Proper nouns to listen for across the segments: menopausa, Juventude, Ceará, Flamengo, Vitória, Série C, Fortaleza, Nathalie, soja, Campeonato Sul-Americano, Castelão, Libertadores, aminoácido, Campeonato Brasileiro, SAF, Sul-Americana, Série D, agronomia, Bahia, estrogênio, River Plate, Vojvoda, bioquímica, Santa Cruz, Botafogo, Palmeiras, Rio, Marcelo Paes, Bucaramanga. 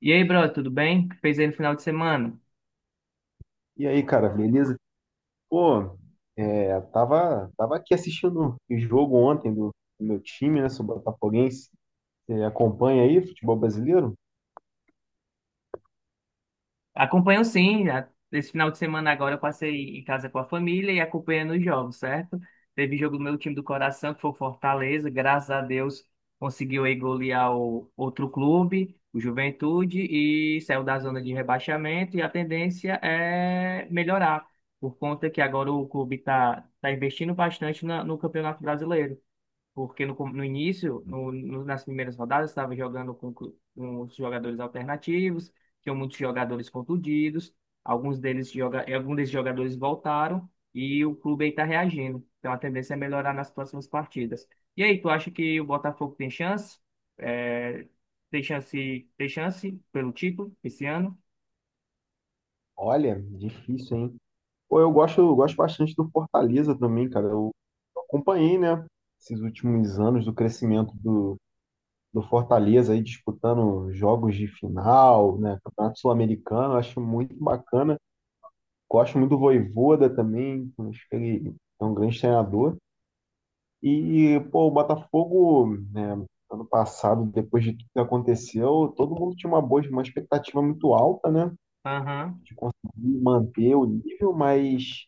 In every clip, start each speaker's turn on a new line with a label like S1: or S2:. S1: E aí, brother, tudo bem? O que fez aí no final de semana?
S2: E aí, cara, beleza? Pô, tava aqui assistindo o jogo ontem do meu time, né? Sou botafoguense. Você acompanha aí futebol brasileiro?
S1: Acompanho sim. Esse final de semana agora eu passei em casa com a família e acompanhando os jogos, certo? Teve jogo do meu time do coração, que foi o Fortaleza. Graças a Deus conseguiu aí golear o outro clube, o Juventude, e saiu da zona de rebaixamento. E a tendência é melhorar, por conta que agora o clube está investindo bastante no Campeonato Brasileiro. Porque no início, nas primeiras rodadas, estava jogando com os jogadores alternativos, tinham muitos jogadores contundidos, alguns desses jogadores voltaram e o clube aí está reagindo. Então a tendência é melhorar nas próximas partidas. E aí, tu acha que o Botafogo tem chance? É, tem chance pelo título esse ano?
S2: Olha, difícil, hein? Pô, eu gosto bastante do Fortaleza também, cara. Eu acompanhei, né? Esses últimos anos do crescimento do Fortaleza aí disputando jogos de final, né? Campeonato Sul-Americano, eu acho muito bacana. Gosto muito do Vojvoda também, acho que ele é um grande treinador. E, pô, o Botafogo, né, ano passado, depois de tudo que aconteceu, todo mundo tinha uma expectativa muito alta, né?
S1: Aham,
S2: De conseguir manter o nível, mas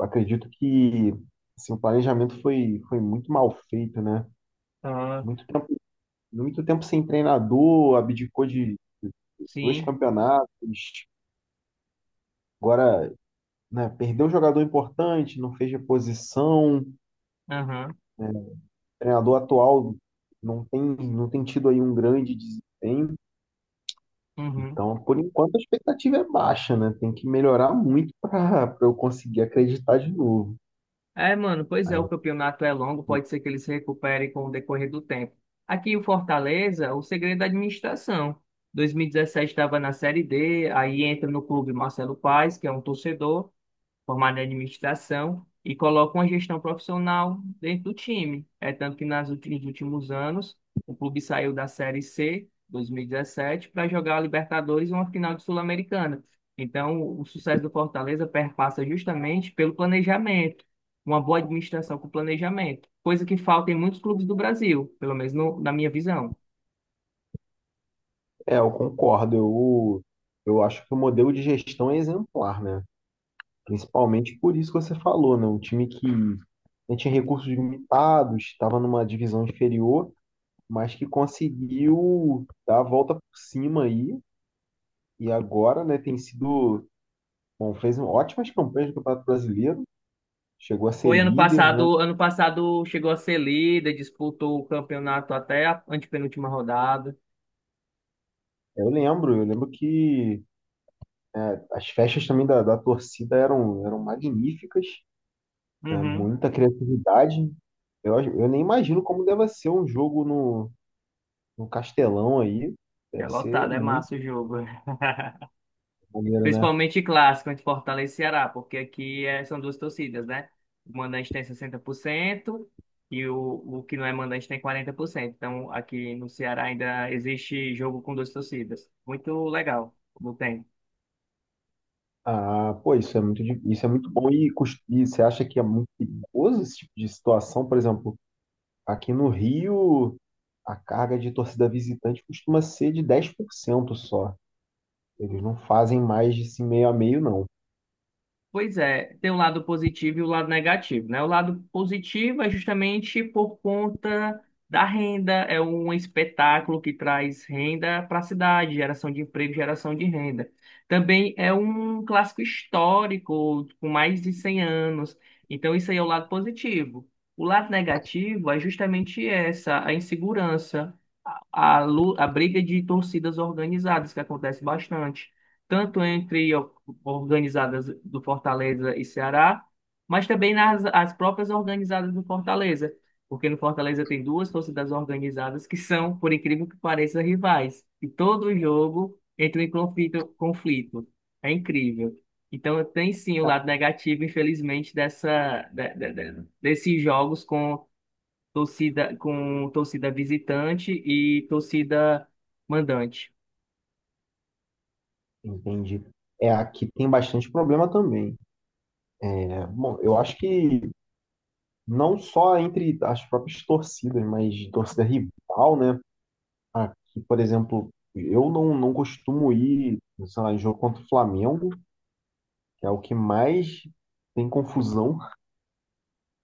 S2: acredito que assim, o planejamento foi muito mal feito, né?
S1: ah,
S2: Muito tempo, muito tempo sem treinador, abdicou de dois
S1: sim,
S2: campeonatos, agora, né, perdeu um jogador importante, não fez reposição, o
S1: aham,
S2: treinador atual não tem tido aí um grande desempenho.
S1: uhum.
S2: Então, por enquanto, a expectativa é baixa, né? Tem que melhorar muito para eu conseguir acreditar de novo.
S1: É, mano, pois é,
S2: Aí,
S1: o campeonato é longo, pode ser que eles se recuperem com o decorrer do tempo. Aqui o Fortaleza, o segredo da administração. 2017 estava na Série D, aí entra no clube Marcelo Paes, que é um torcedor, formado em administração e coloca uma gestão profissional dentro do time. É tanto que nos últimos anos, o clube saiu da Série C, 2017, para jogar a Libertadores e uma final de Sul-Americana. Então, o sucesso do Fortaleza perpassa justamente pelo planejamento, uma boa administração com planejamento, coisa que falta em muitos clubes do Brasil, pelo menos na minha visão.
S2: é, eu concordo. Eu acho que o modelo de gestão é exemplar, né? Principalmente por isso que você falou, né? Um time que não tinha recursos limitados, estava numa divisão inferior, mas que conseguiu dar a volta por cima aí. E agora, né, tem sido. Bom, fez um ótimas campanhas no Campeonato Brasileiro, chegou a ser
S1: Foi
S2: líder, né?
S1: ano passado chegou a ser líder, disputou o campeonato até a antepenúltima rodada.
S2: Eu lembro que as festas também da torcida eram magníficas, né?
S1: Uhum.
S2: Muita criatividade. Eu nem imagino como deve ser um jogo no Castelão aí.
S1: É
S2: Deve ser
S1: lotado, é
S2: muito
S1: massa o jogo.
S2: maneiro, né?
S1: Principalmente clássico entre Fortaleza e Ceará, porque são duas torcidas, né? O mandante tem 60% e o que não é mandante tem 40%. Então aqui no Ceará ainda existe jogo com duas torcidas. Muito legal, como tem.
S2: Ah, pô, isso é muito bom. E você acha que é muito perigoso esse tipo de situação? Por exemplo, aqui no Rio, a carga de torcida visitante costuma ser de 10% só. Eles não fazem mais de assim, meio a meio, não.
S1: Pois é, tem o lado positivo e o lado negativo, né? O lado positivo é justamente por conta da renda, é um espetáculo que traz renda para a cidade, geração de emprego, geração de renda. Também é um clássico histórico com mais de 100 anos, então isso aí é o lado positivo. O lado negativo é justamente essa, a insegurança, a briga de torcidas organizadas que acontece bastante tanto entre organizadas do Fortaleza e Ceará, mas também nas as próprias organizadas do Fortaleza, porque no Fortaleza tem duas torcidas organizadas que são, por incrível que pareça, rivais, e todo jogo entra em conflito. É incrível. Então tem sim o lado negativo, infelizmente, dessa de- desses jogos com torcida visitante e torcida mandante.
S2: Entendi. É, aqui tem bastante problema também. Bom, eu acho que não só entre as próprias torcidas, mas torcida rival, né? Aqui, por exemplo, eu não costumo ir, sei lá, em jogo contra o Flamengo, que é o que mais tem confusão.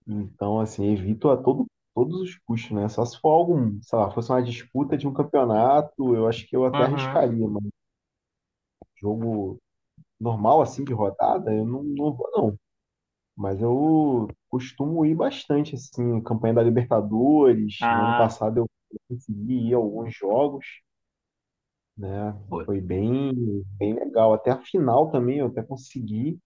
S2: Então, assim, evito todos os custos, né? Só se for algum, sei lá, fosse uma disputa de um campeonato, eu acho que eu até
S1: Aham.
S2: arriscaria, mas jogo normal, assim, de rodada, eu não vou, não. Mas eu costumo ir bastante, assim, campanha da Libertadores. No ano
S1: Ah,
S2: passado eu consegui ir a alguns jogos, né?
S1: pô,
S2: Foi bem, bem legal. Até a final também eu até consegui.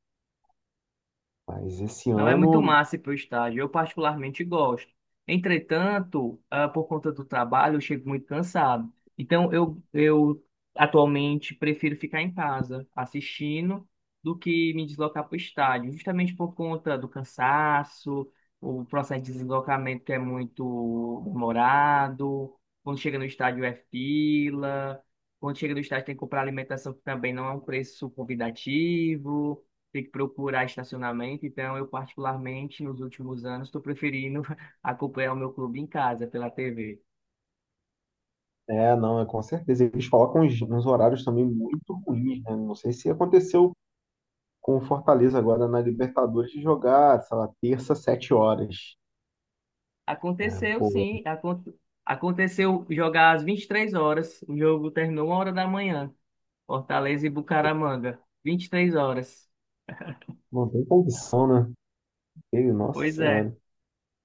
S2: Mas esse
S1: não é muito
S2: ano,
S1: massa ir para o estádio, eu particularmente gosto. Entretanto, ah, por conta do trabalho, eu chego muito cansado. Então, eu atualmente prefiro ficar em casa assistindo do que me deslocar para o estádio, justamente por conta do cansaço, o processo de deslocamento que é muito demorado. Quando chega no estádio é fila, quando chega no estádio tem que comprar alimentação que também não é um preço convidativo, ter que procurar estacionamento. Então, eu particularmente, nos últimos anos, estou preferindo acompanhar o meu clube em casa, pela TV.
S2: é, não, é com certeza. Eles colocam uns horários também muito ruins, né? Não sei se aconteceu com o Fortaleza agora na Libertadores de jogar, sei lá, terça, 7h, né?
S1: Aconteceu,
S2: Pô,
S1: sim. Aconteceu jogar às 23 horas. O jogo terminou 1 hora da manhã. Fortaleza e Bucaramanga. 23 horas.
S2: não tem condição, né? Ele, nossa
S1: Pois é.
S2: senhora,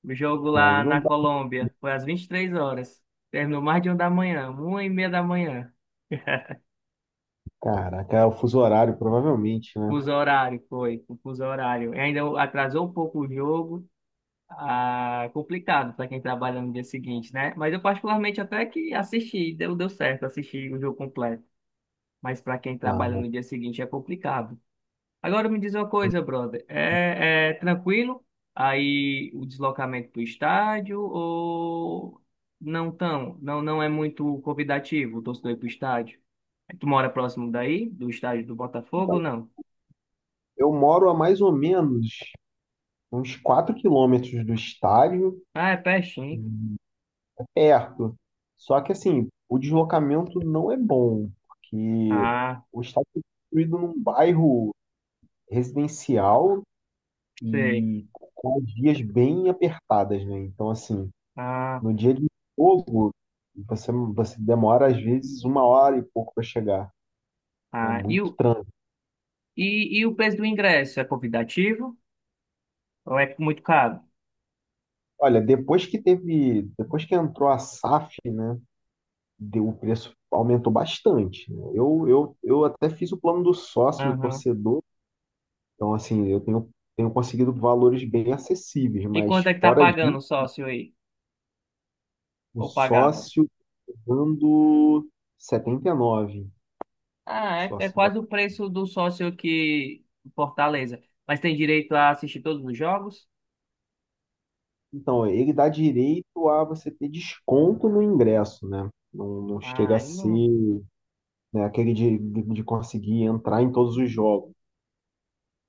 S1: O jogo
S2: aí
S1: lá
S2: não
S1: na
S2: dá.
S1: Colômbia foi às 23 horas. Terminou mais de uma da manhã, uma e meia da manhã.
S2: Caraca, é o fuso horário, provavelmente, né?
S1: Fuso horário, foi, fuso horário. E ainda atrasou um pouco o jogo. Ah, complicado para quem trabalha no dia seguinte, né? Mas eu particularmente até que assisti, deu certo assistir o jogo completo. Mas para quem trabalha
S2: Ah,
S1: no dia seguinte é complicado. Agora me diz uma coisa, brother. É tranquilo aí o deslocamento para o estádio ou não tão? Não, não é muito convidativo o torcedor ir para o estádio? É, tu mora próximo daí, do estádio do Botafogo ou não?
S2: eu moro a mais ou menos uns 4 km do estádio,
S1: Ah, é pertinho.
S2: perto. Só que, assim, o deslocamento não é bom, porque
S1: Ah,
S2: o estádio foi construído num bairro residencial
S1: sei.
S2: e com as vias bem apertadas, né? Então, assim,
S1: Ah,
S2: no dia de jogo, você demora, às vezes, uma hora e pouco para chegar. É
S1: ah. E
S2: muito
S1: o,
S2: trânsito.
S1: e, e o preço do ingresso é convidativo ou é muito caro?
S2: Olha, depois que entrou a SAF, né, deu, o preço aumentou bastante, né? Eu até fiz o plano do sócio, do
S1: Aham.
S2: torcedor, então assim, eu tenho conseguido valores bem acessíveis,
S1: E
S2: mas
S1: quanto é que tá
S2: fora
S1: pagando
S2: disso,
S1: o sócio aí?
S2: o
S1: Ou pagava?
S2: sócio dando 79, o
S1: Ah, é, é
S2: sócio.
S1: quase o preço do sócio aqui em Fortaleza. Mas tem direito a assistir todos os jogos?
S2: Então, ele dá direito a você ter desconto no ingresso, né? Não
S1: Ah,
S2: chega a
S1: aí não.
S2: ser, né, aquele de conseguir entrar em todos os jogos.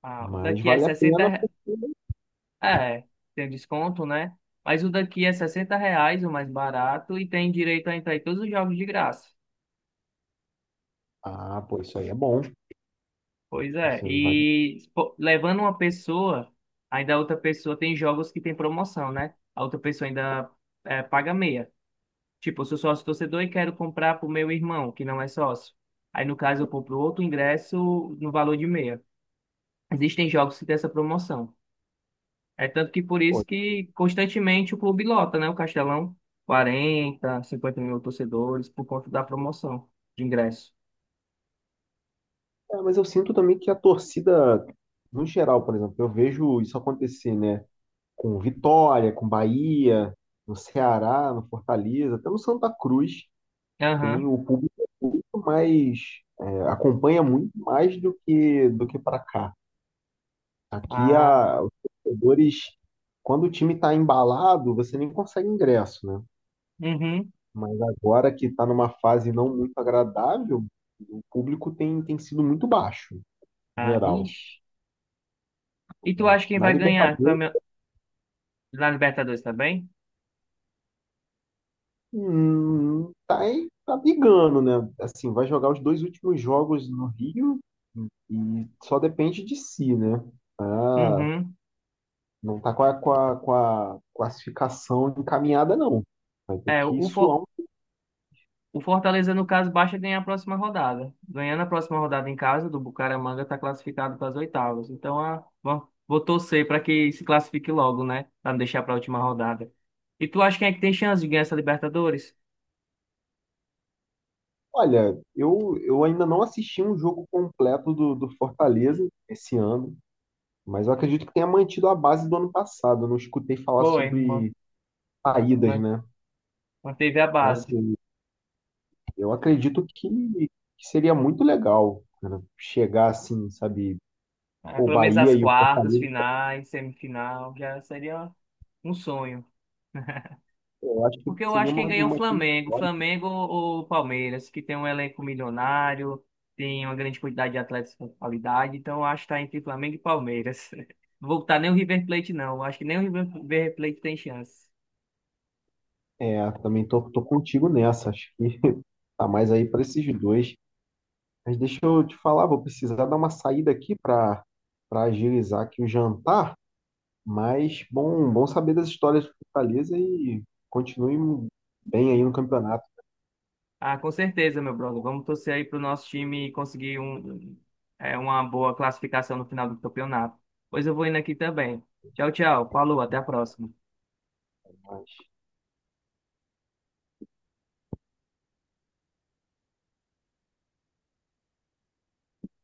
S1: Ah, o
S2: Mas
S1: daqui é
S2: vale a pena.
S1: 60, re- é, tem um desconto, né? Mas o daqui é 60 reais, o mais barato, e tem direito a entrar em todos os jogos de graça.
S2: Ah, pô, isso aí é bom.
S1: Pois é,
S2: Isso aí vale.
S1: e pô, levando uma pessoa, ainda a outra pessoa tem jogos que tem promoção, né? A outra pessoa ainda é, paga meia. Tipo, eu sou sócio torcedor e quero comprar pro meu irmão, que não é sócio. Aí, no caso, eu compro outro ingresso no valor de meia. Existem jogos que têm essa promoção. É tanto que por
S2: Pô,
S1: isso que constantemente o clube lota, né? O Castelão, 40, 50 mil torcedores por conta da promoção de ingresso.
S2: mas eu sinto também que a torcida, no geral, por exemplo, eu vejo isso acontecer, né? Com Vitória, com Bahia, no Ceará, no Fortaleza, até no Santa Cruz, tem
S1: Aham.
S2: o público muito mais, acompanha muito mais do que para cá. Aqui
S1: Ah,
S2: os torcedores, quando o time está embalado, você nem consegue ingresso, né?
S1: uhum.
S2: Mas agora que está numa fase não muito agradável, o público tem sido muito baixo,
S1: Ah,
S2: geral,
S1: vixe. E tu
S2: né?
S1: acha quem
S2: Na
S1: vai ganhar
S2: Libertadores,
S1: Na Libertadores também?
S2: tá brigando, né? Assim, vai jogar os dois últimos jogos no Rio e só depende de si, né? Ah,
S1: Uhum.
S2: não tá com a, com a classificação encaminhada, não. Vai ter
S1: É,
S2: que
S1: o, For-
S2: suar um.
S1: o Fortaleza, no caso, basta ganhar a próxima rodada. Ganhando a próxima rodada em casa, do Bucaramanga está classificado para as oitavas. Então, ah, bom, vou torcer para que se classifique logo, né? Para não deixar para a última rodada. E tu acha quem é que tem chance de ganhar essa Libertadores?
S2: Olha, eu ainda não assisti um jogo completo do Fortaleza esse ano. Mas eu acredito que tenha mantido a base do ano passado. Eu não escutei falar
S1: Foi, ma-
S2: sobre saídas,
S1: ma-
S2: né?
S1: manteve a
S2: Então,
S1: base.
S2: assim, eu acredito que seria muito legal, cara, chegar assim, sabe,
S1: Ah,
S2: o
S1: pelo menos as
S2: Bahia e o
S1: quartas,
S2: Fortaleza.
S1: finais, semifinal, já seria um sonho.
S2: Eu acho que
S1: Porque eu
S2: seria
S1: acho que quem
S2: uma,
S1: ganha é o
S2: uma...
S1: Flamengo, Flamengo ou Palmeiras, que tem um elenco milionário, tem uma grande quantidade de atletas com qualidade, então eu acho que está entre Flamengo e Palmeiras. Voltar nem o River Plate, não. Eu acho que nem o River Plate tem chance.
S2: É, também tô contigo nessa. Acho que tá mais aí para esses dois. Mas deixa eu te falar, vou precisar dar uma saída aqui para agilizar aqui o jantar. Mas bom, bom saber das histórias do Fortaleza e continue bem aí no campeonato.
S1: Ah, com certeza, meu brother. Vamos torcer aí pro nosso time conseguir um, é, uma boa classificação no final do campeonato. Pois eu vou indo aqui também. Tchau, tchau. Falou, até a próxima.